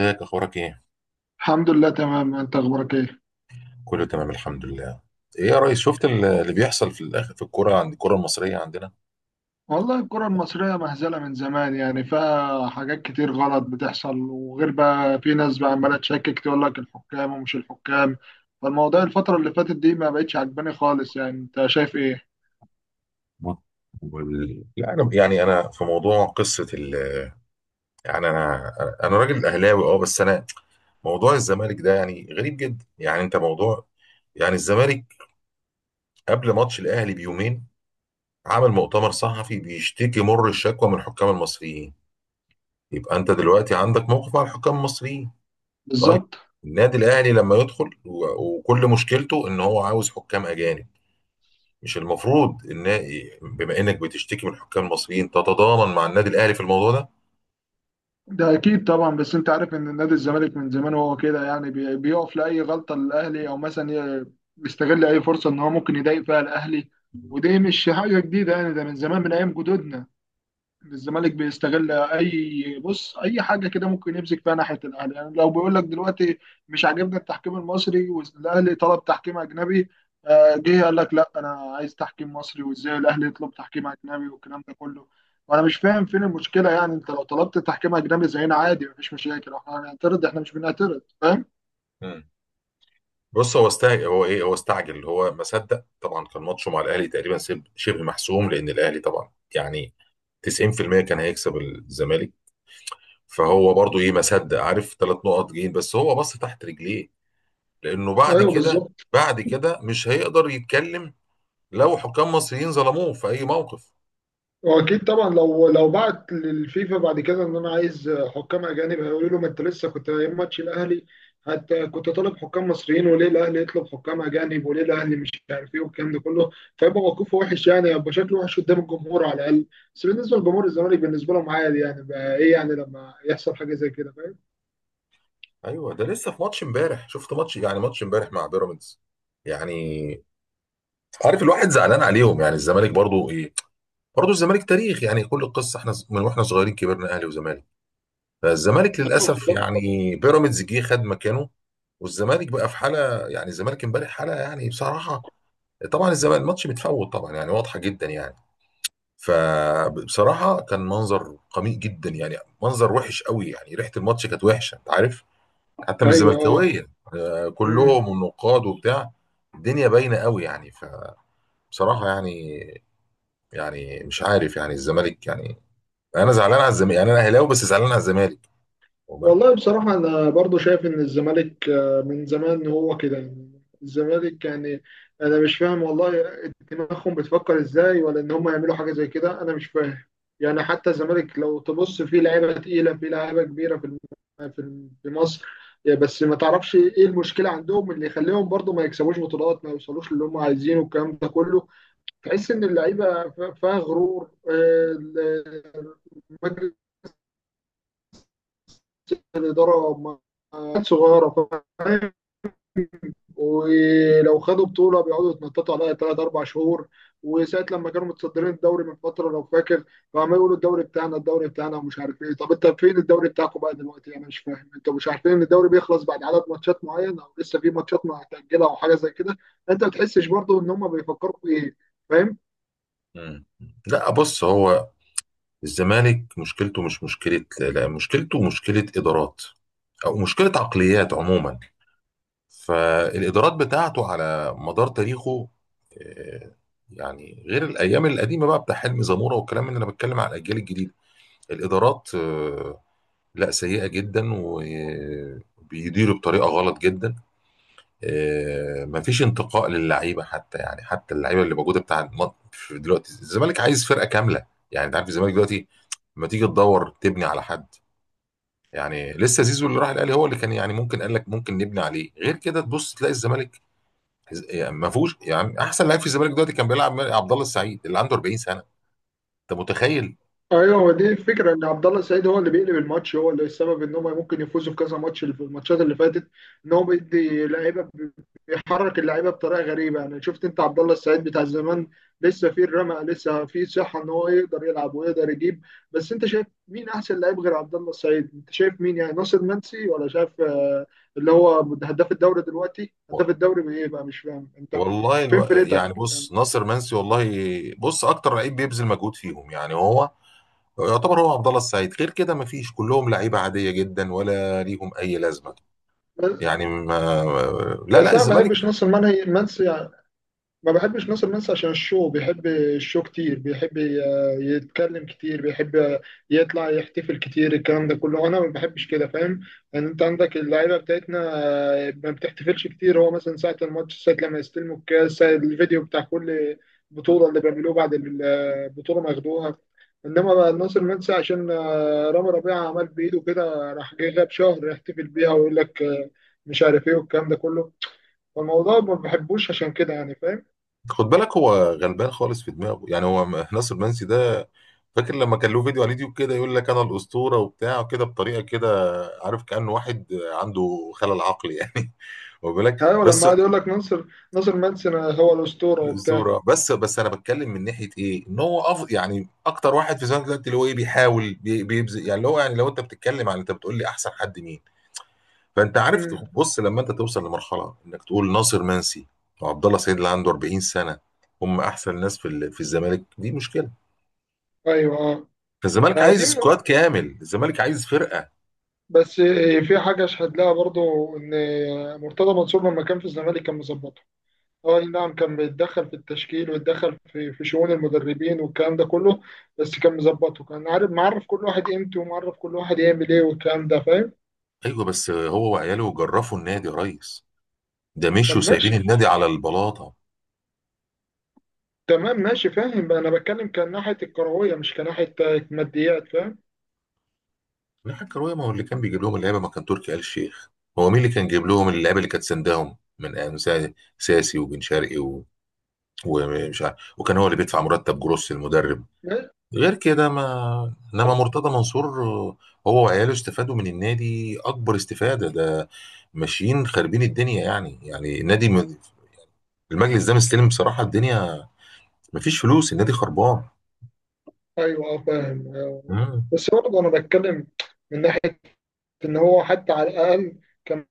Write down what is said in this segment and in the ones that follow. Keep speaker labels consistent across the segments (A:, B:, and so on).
A: ازيك؟ اخبارك ايه؟
B: الحمد لله تمام. انت اخبارك ايه؟
A: كله تمام، الحمد لله. ايه يا ريس، شفت اللي بيحصل في الاخر في الكوره، عند الكوره المصريه عندنا؟
B: والله الكرة المصرية مهزلة من زمان، يعني فيها حاجات كتير غلط بتحصل، وغير بقى في ناس بقى عمالة تشكك تقول لك الحكام ومش الحكام. فالموضوع الفترة اللي فاتت دي ما بقتش عجباني خالص. يعني انت شايف ايه؟
A: بص، لا، انا يعني في موضوع قصه يعني انا راجل اهلاوي، اه، بس انا، موضوع الزمالك ده يعني غريب جدا، يعني انت موضوع، يعني الزمالك قبل ماتش الاهلي بيومين عمل مؤتمر صحفي بيشتكي مر الشكوى من الحكام المصريين. يبقى انت دلوقتي عندك موقف مع الحكام المصريين. طيب،
B: بالظبط.
A: النادي الاهلي لما يدخل و- وكل مشكلته ان هو عاوز حكام اجانب، مش المفروض ان، بما انك بتشتكي من الحكام المصريين، تتضامن مع النادي الاهلي في الموضوع ده؟
B: ده اكيد طبعا، بس انت عارف ان نادي الزمالك من زمان وهو كده، يعني بيقف لاي غلطة للاهلي، او مثلا ي- بيستغل اي فرصة ان هو ممكن يضايق فيها الاهلي. ودي مش حاجة جديدة، يعني ده من زمان من ايام جدودنا. الزمالك بيستغل اي، بص، اي حاجه كده ممكن يمسك فيها ناحيه الاهلي. يعني لو بيقول لك دلوقتي مش عاجبنا التحكيم المصري، والاهلي طلب تحكيم اجنبي، جه قال لك لا، انا عايز تحكيم مصري. وازاي الاهلي يطلب تحكيم اجنبي والكلام ده كله؟ وانا مش فاهم فين المشكله. يعني انت لو طلبت تحكيم اجنبي زينا عادي، مفيش مشاكل، احنا هنعترض؟ احنا مش بنعترض، فاهم.
A: مم. بص، هو استعجل، هو ما صدق طبعا، كان ماتشه مع الاهلي تقريبا شبه محسوم، لان الاهلي طبعا يعني 90% كان هيكسب الزمالك. فهو برضو ايه، ما صدق، عارف 3 نقط جايين، بس هو بص تحت رجليه، لانه بعد
B: ايوه
A: كده،
B: بالظبط.
A: مش هيقدر يتكلم لو حكام مصريين ظلموه في اي موقف.
B: واكيد طبعا لو بعت للفيفا بعد كده ان انا عايز حكام اجانب، هيقولوا له ما انت لسه كنت ايام ماتش الاهلي حتى كنت طالب حكام مصريين، وليه الاهلي يطلب حكام اجانب، وليه الاهلي مش عارف ايه والكلام ده كله. فيبقى موقفه وحش، يعني يبقى شكله وحش قدام الجمهور على الاقل. بس بالنسبه لجمهور الزمالك بالنسبه لهم عادي، يعني بقى ايه يعني لما يحصل حاجه زي كده، فاهم.
A: ايوه، ده لسه في ماتش امبارح، شفت ماتش، يعني ماتش امبارح مع بيراميدز، يعني عارف، الواحد زعلان عليهم، يعني الزمالك برضو ايه، برضو الزمالك تاريخ يعني، كل القصه احنا من واحنا صغيرين كبرنا اهلي وزمالك. فالزمالك
B: ايوه
A: للاسف،
B: بالظبط.
A: يعني بيراميدز جه خد مكانه، والزمالك بقى في حاله، يعني الزمالك امبارح حاله يعني بصراحه، طبعا الزمالك الماتش متفوت طبعا يعني، واضحه جدا يعني، فبصراحه كان منظر قميء جدا يعني، منظر وحش قوي يعني، ريحه الماتش كانت وحشه، انت عارف، حتى مش
B: ايوه اه.
A: زملكاويه. آه،
B: مم.
A: كلهم والنقاد وبتاع، الدنيا باينه قوي يعني، فبصراحه يعني، مش عارف يعني الزمالك يعني، انا زعلان على الزمالك، يعني انا اهلاوي بس زعلان على الزمالك. واخد بالك؟
B: والله بصراحة أنا برضو شايف إن الزمالك، من زمان هو كده يعني. الزمالك يعني أنا مش فاهم والله دماغهم بتفكر إزاي، ولا إن هم يعملوا حاجة زي كده. أنا مش فاهم. يعني حتى الزمالك لو تبص فيه لعيبة تقيلة، فيه لعيبة كبيرة في في مصر. يا بس ما تعرفش إيه المشكلة عندهم اللي يخليهم برضو ما يكسبوش بطولات، ما يوصلوش للي هم عايزينه والكلام ده كله. تحس إن اللعيبة فيها غرور، مجلس الإدارة صغيرة. ولو خدوا بطوله بيقعدوا يتنططوا عليها ثلاث اربع شهور. وساعه لما كانوا متصدرين الدوري من فتره، لو فاكر، فعمالين يقولوا الدوري بتاعنا، الدوري بتاعنا، ومش عارف ايه. طب انت فين الدوري بتاعكم بقى دلوقتي؟ انا مش فاهم. انتوا مش عارفين ان الدوري بيخلص بعد عدد ماتشات معين، او لسه في ماتشات ما هتاجلها او حاجه زي كده؟ انت ما بتحسش برضه ان هم بيفكروا في ايه؟ فاهم.
A: مم. لا بص، هو الزمالك مشكلته مش مشكله، لا مشكلته مشكله ادارات، او مشكله عقليات عموما، فالادارات بتاعته على مدار تاريخه، آه، يعني غير الايام القديمه بقى بتاع حلمي زموره والكلام، اللي انا بتكلم على الاجيال الجديده، الادارات لا سيئه جدا، وبيديروا بطريقه غلط جدا. مفيش انتقاء للعيبه حتى، يعني حتى اللعيبه اللي موجوده بتاع في دلوقتي، الزمالك عايز فرقه كامله. يعني انت عارف الزمالك دلوقتي، ما تيجي تدور تبني على حد، يعني لسه زيزو اللي راح الاهلي هو اللي كان يعني ممكن، قال لك ممكن نبني عليه، غير كده تبص تلاقي الزمالك، يعني ما فيهوش، يعني احسن لعيب في الزمالك دلوقتي كان بيلعب عبد الله السعيد، اللي عنده 40 سنه. انت متخيل؟
B: ايوه، هو دي الفكره، ان عبد الله السعيد هو اللي بيقلب الماتش، هو اللي السبب ان هم ممكن يفوزوا في كذا ماتش في الماتشات اللي فاتت، ان هو بيدي لعيبه، بيحرك اللعيبه بطريقه غريبه. يعني شفت انت عبد الله السعيد بتاع زمان لسه فيه الرمق، لسه فيه صحه ان هو يقدر يلعب ويقدر يجيب. بس انت شايف مين احسن لعيب غير عبد الله السعيد؟ انت شايف مين؟ يعني ناصر منسي؟ ولا شايف اللي هو هداف الدوري دلوقتي، هداف الدوري بايه بقى؟ مش فاهم انت.
A: والله،
B: فين
A: يعني
B: فرقتك؟
A: بص ناصر منسي والله. بص، اكتر لعيب بيبذل مجهود فيهم يعني هو، يعتبر هو عبد الله السعيد، غير كده مفيش، كلهم لعيبه عاديه جدا، ولا ليهم اي لازمه.
B: بس
A: يعني ما... لا، لا،
B: بس انا ما
A: الزمالك،
B: بحبش ناصر منسي. ما بحبش ناصر منسي عشان الشو، بيحب الشو كتير، بيحب يتكلم كتير، بيحب يطلع يحتفل كتير، الكلام ده كله انا ما بحبش كده، فاهم؟ ان انت عندك اللعيبه بتاعتنا ما بتحتفلش كتير. هو مثلا ساعه الماتش، ساعه لما يستلموا الكاس، ساعه الفيديو بتاع كل بطوله اللي بيعملوه بعد البطوله ما ياخدوها. انما بقى ناصر منسي عشان رامي ربيعه عمل بايده كده، راح جاي غاب شهر يحتفل بيها، ويقول لك مش عارف ايه، والكلام ده كله. فالموضوع ما بحبوش عشان كده يعني، فاهم؟
A: خد بالك هو غلبان خالص في دماغه، يعني ناصر منسي ده فاكر لما كان له فيديو على اليوتيوب كده، يقول لك انا الاسطوره وبتاع كده بطريقه كده، عارف كانه واحد عنده خلل عقلي يعني. خد بالك.
B: ايوه لما
A: بس،
B: قعد يقول لك ناصر، ناصر منسي هو الاسطوره وبتاع.
A: الاسطوره، بس انا بتكلم من ناحيه ايه، ان هو يعني اكتر واحد في زمانك دلوقتي اللي هو ايه بيحاول بيبذل يعني، اللي هو يعني لو انت بتتكلم عن، انت بتقول لي احسن حد مين؟ فانت عارف
B: امم
A: بص، لما انت توصل لمرحله انك تقول ناصر منسي وعبد الله سعيد اللي عنده 40 سنه هم احسن ناس في في الزمالك، دي مشكله.
B: ايوه اه.
A: فالزمالك
B: آه،
A: عايز
B: دي م-
A: سكواد كامل، الزمالك عايز فرقه.
B: بس آه، في حاجه اشهد لها برضو، ان مرتضى منصور لما كان في الزمالك كان مظبطه. اه أي نعم، كان بيتدخل في التشكيل ويتدخل في شؤون المدربين والكلام ده كله، بس كان مظبطه. كان عارف معرف كل واحد قيمته، ومعرف كل واحد يعمل ايه والكلام ده، فاهم.
A: ايوه، بس هو وعياله جرفوا النادي يا ريس، ده مشوا
B: طب
A: سايبين
B: ماشي.
A: النادي على البلاطه.
B: تمام ماشي فاهم بقى، انا بتكلم كان ناحيه الكرويه، مش كناحيه ماديات، فاهم.
A: لا كروية، ما هو اللي كان بيجيب لهم اللعيبة ما كان تركي آل الشيخ؟ هو مين اللي كان جايب لهم اللعيبة اللي كانت سندهم من أيام ساسي وبن شرقي ومش عارف، وكان هو اللي بيدفع مرتب جروس المدرب
B: ماشي؟
A: غير كده، ما، انما
B: طب-
A: مرتضى منصور، هو وعياله استفادوا من النادي اكبر استفاده، ده ماشيين خاربين الدنيا يعني، يعني النادي المجلس ده مستلم بصراحه الدنيا، مفيش فلوس، النادي خربان.
B: ايوه فاهم.
A: مم.
B: بس برضه انا بتكلم من ناحيه ان هو حتى على الاقل كان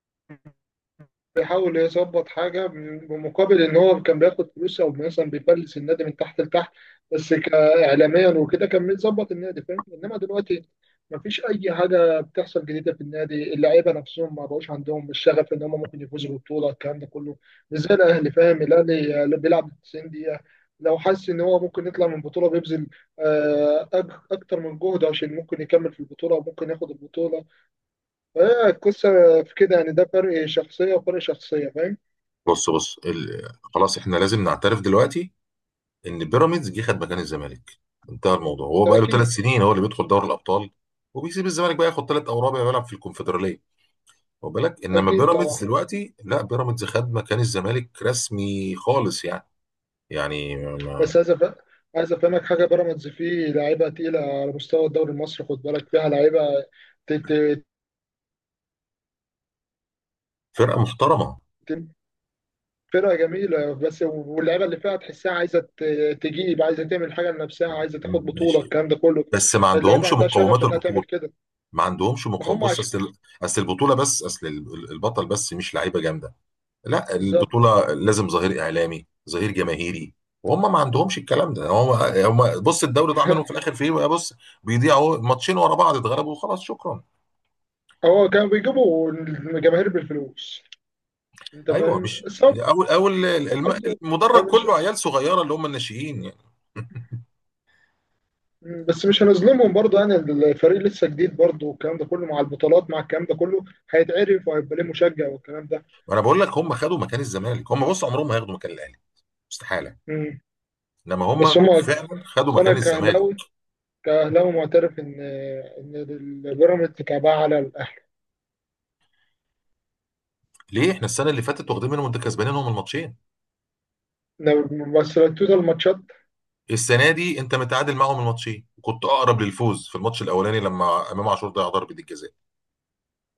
B: بيحاول يظبط حاجه، بمقابل ان هو كان بياخد فلوس، او مثلا بيفلس النادي من تحت لتحت. بس كاعلاميا وكده كان بيظبط النادي، فاهم؟ انما دلوقتي مفيش اي حاجه بتحصل جديده في النادي. اللعيبه نفسهم ما بقوش عندهم الشغف ان هم ممكن يفوزوا بالبطوله، الكلام ده كله. مش زي الاهلي، فاهم؟ الاهلي اللي بيلعب 90 دقيقة دقيقه، لو حس ان هو ممكن يطلع من البطوله بيبذل اكتر من جهده، عشان ممكن يكمل في البطوله وممكن ياخد البطوله. هي القصة في كده يعني، ده فرق شخصية وفرق شخصية، فاهم؟
A: بص خلاص، احنا لازم نعترف دلوقتي ان بيراميدز جه خد مكان الزمالك، انتهى الموضوع، هو
B: ده
A: بقى له ثلاث
B: أكيد.
A: سنين هو اللي بيدخل دوري الابطال، وبيسيب الزمالك بقى ياخد ثلاث او رابع يلعب في الكونفدراليه. واخد بالك؟ انما
B: أكيد طبعا.
A: بيراميدز دلوقتي، لا، بيراميدز خد مكان الزمالك رسمي خالص يعني، يعني ما-
B: بس عايز أفهمك حاجة، بيراميدز فيه لعيبة تقيلة على مستوى الدوري المصري، خد بالك، فيها لعيبة ت- ت-
A: فرقه محترمه.
B: ت- فرقة جميلة. بس واللعيبة اللي فيها تحسها عايزة تجيب، عايزة تعمل حاجة لنفسها، عايزة تاخد
A: مم،
B: بطولة،
A: ماشي،
B: الكلام ده كله.
A: بس ما
B: اللعيبة
A: عندهمش
B: عندها شغف
A: مقومات
B: إنها
A: البطوله،
B: تعمل كده.
A: ما عندهمش
B: ما
A: مقومات،
B: هم
A: بص،
B: عشان
A: اصل البطوله، بس اصل البطل، بس مش لعيبه جامده. لا،
B: بالظبط.
A: البطولة لازم ظهير إعلامي، ظهير جماهيري، وهم ما عندهمش الكلام ده. هم بص، الدوري ضاع منهم في الآخر في إيه، بص، بيضيعوا ماتشين ورا بعض، اتغلبوا وخلاص، شكرا.
B: هو كانوا بيجيبوا الجماهير بالفلوس، أنت
A: أيوه،
B: فاهم؟
A: مش
B: بس هم
A: أول
B: برضه. أنا
A: المدرج
B: مش.
A: كله عيال صغيرة، اللي هم الناشئين يعني.
B: مم، بس مش هنظلمهم برضه، يعني الفريق لسه جديد برضه، والكلام ده كله، مع البطولات مع الكلام ده كله هيتعرف، وهيبقى ليه مشجع والكلام ده.
A: وأنا بقول لك، هم خدوا مكان الزمالك، هم بص عمرهم ما هياخدوا مكان الأهلي، استحالة.
B: مم.
A: إنما
B: بس
A: هم
B: هما،
A: فعلا خدوا
B: بس
A: مكان
B: انا
A: الزمالك.
B: كاهلاوي، كاهلاوي معترف ان البيراميدز كعبها على الاهلي.
A: ليه؟ احنا السنة اللي فاتت واخدين منهم، انت كسبانينهم الماتشين،
B: إن، بس لو التوتال ماتشات.
A: السنة دي انت متعادل معاهم الماتشين، كنت اقرب للفوز في الماتش الاولاني لما امام عاشور ضيع ضربة الجزاء.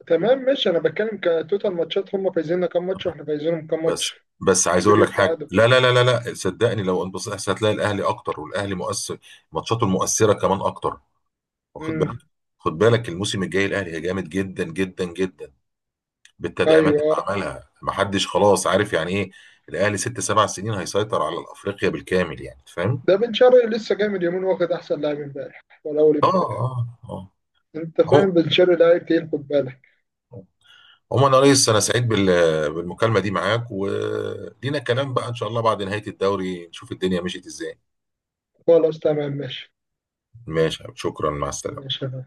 B: تمام ماشي. انا بتكلم كتوتال ماتشات، هما فايزيننا كام ماتش، واحنا فايزينهم كام
A: بس
B: ماتش.
A: بس
B: مش
A: عايز اقول
B: فكره
A: لك حاجه،
B: تعادل.
A: لا، لا، لا، لا، لا، صدقني لو انبسطت، هتلاقي الاهلي اكتر، والاهلي مؤثر ماتشاته المؤثره كمان اكتر. واخد
B: مم.
A: بالك؟ خد بالك الموسم الجاي الاهلي جامد جدا جدا جدا، بالتدعيمات
B: ايوه.
A: اللي عملها محدش خلاص عارف يعني ايه. الاهلي 6 7 سنين هيسيطر على افريقيا بالكامل يعني، فاهم؟
B: ده بن شرقي لسه جاي من يومين، واخد احسن لاعب امبارح ولا اول
A: اه،
B: امبارح.
A: اه، اه.
B: انت فاهم؟
A: عمو-
B: بن شرقي لاعب تقيل، خد بالك.
A: عموما يا ريس، انا سعيد بالمكالمه دي معاك، ولينا كلام بقى ان شاء الله بعد نهايه الدوري نشوف الدنيا مشيت ازاي.
B: خلاص تمام ماشي.
A: ماشي يا حبيبي، شكرا، مع السلامه.
B: ماشي يا فندم.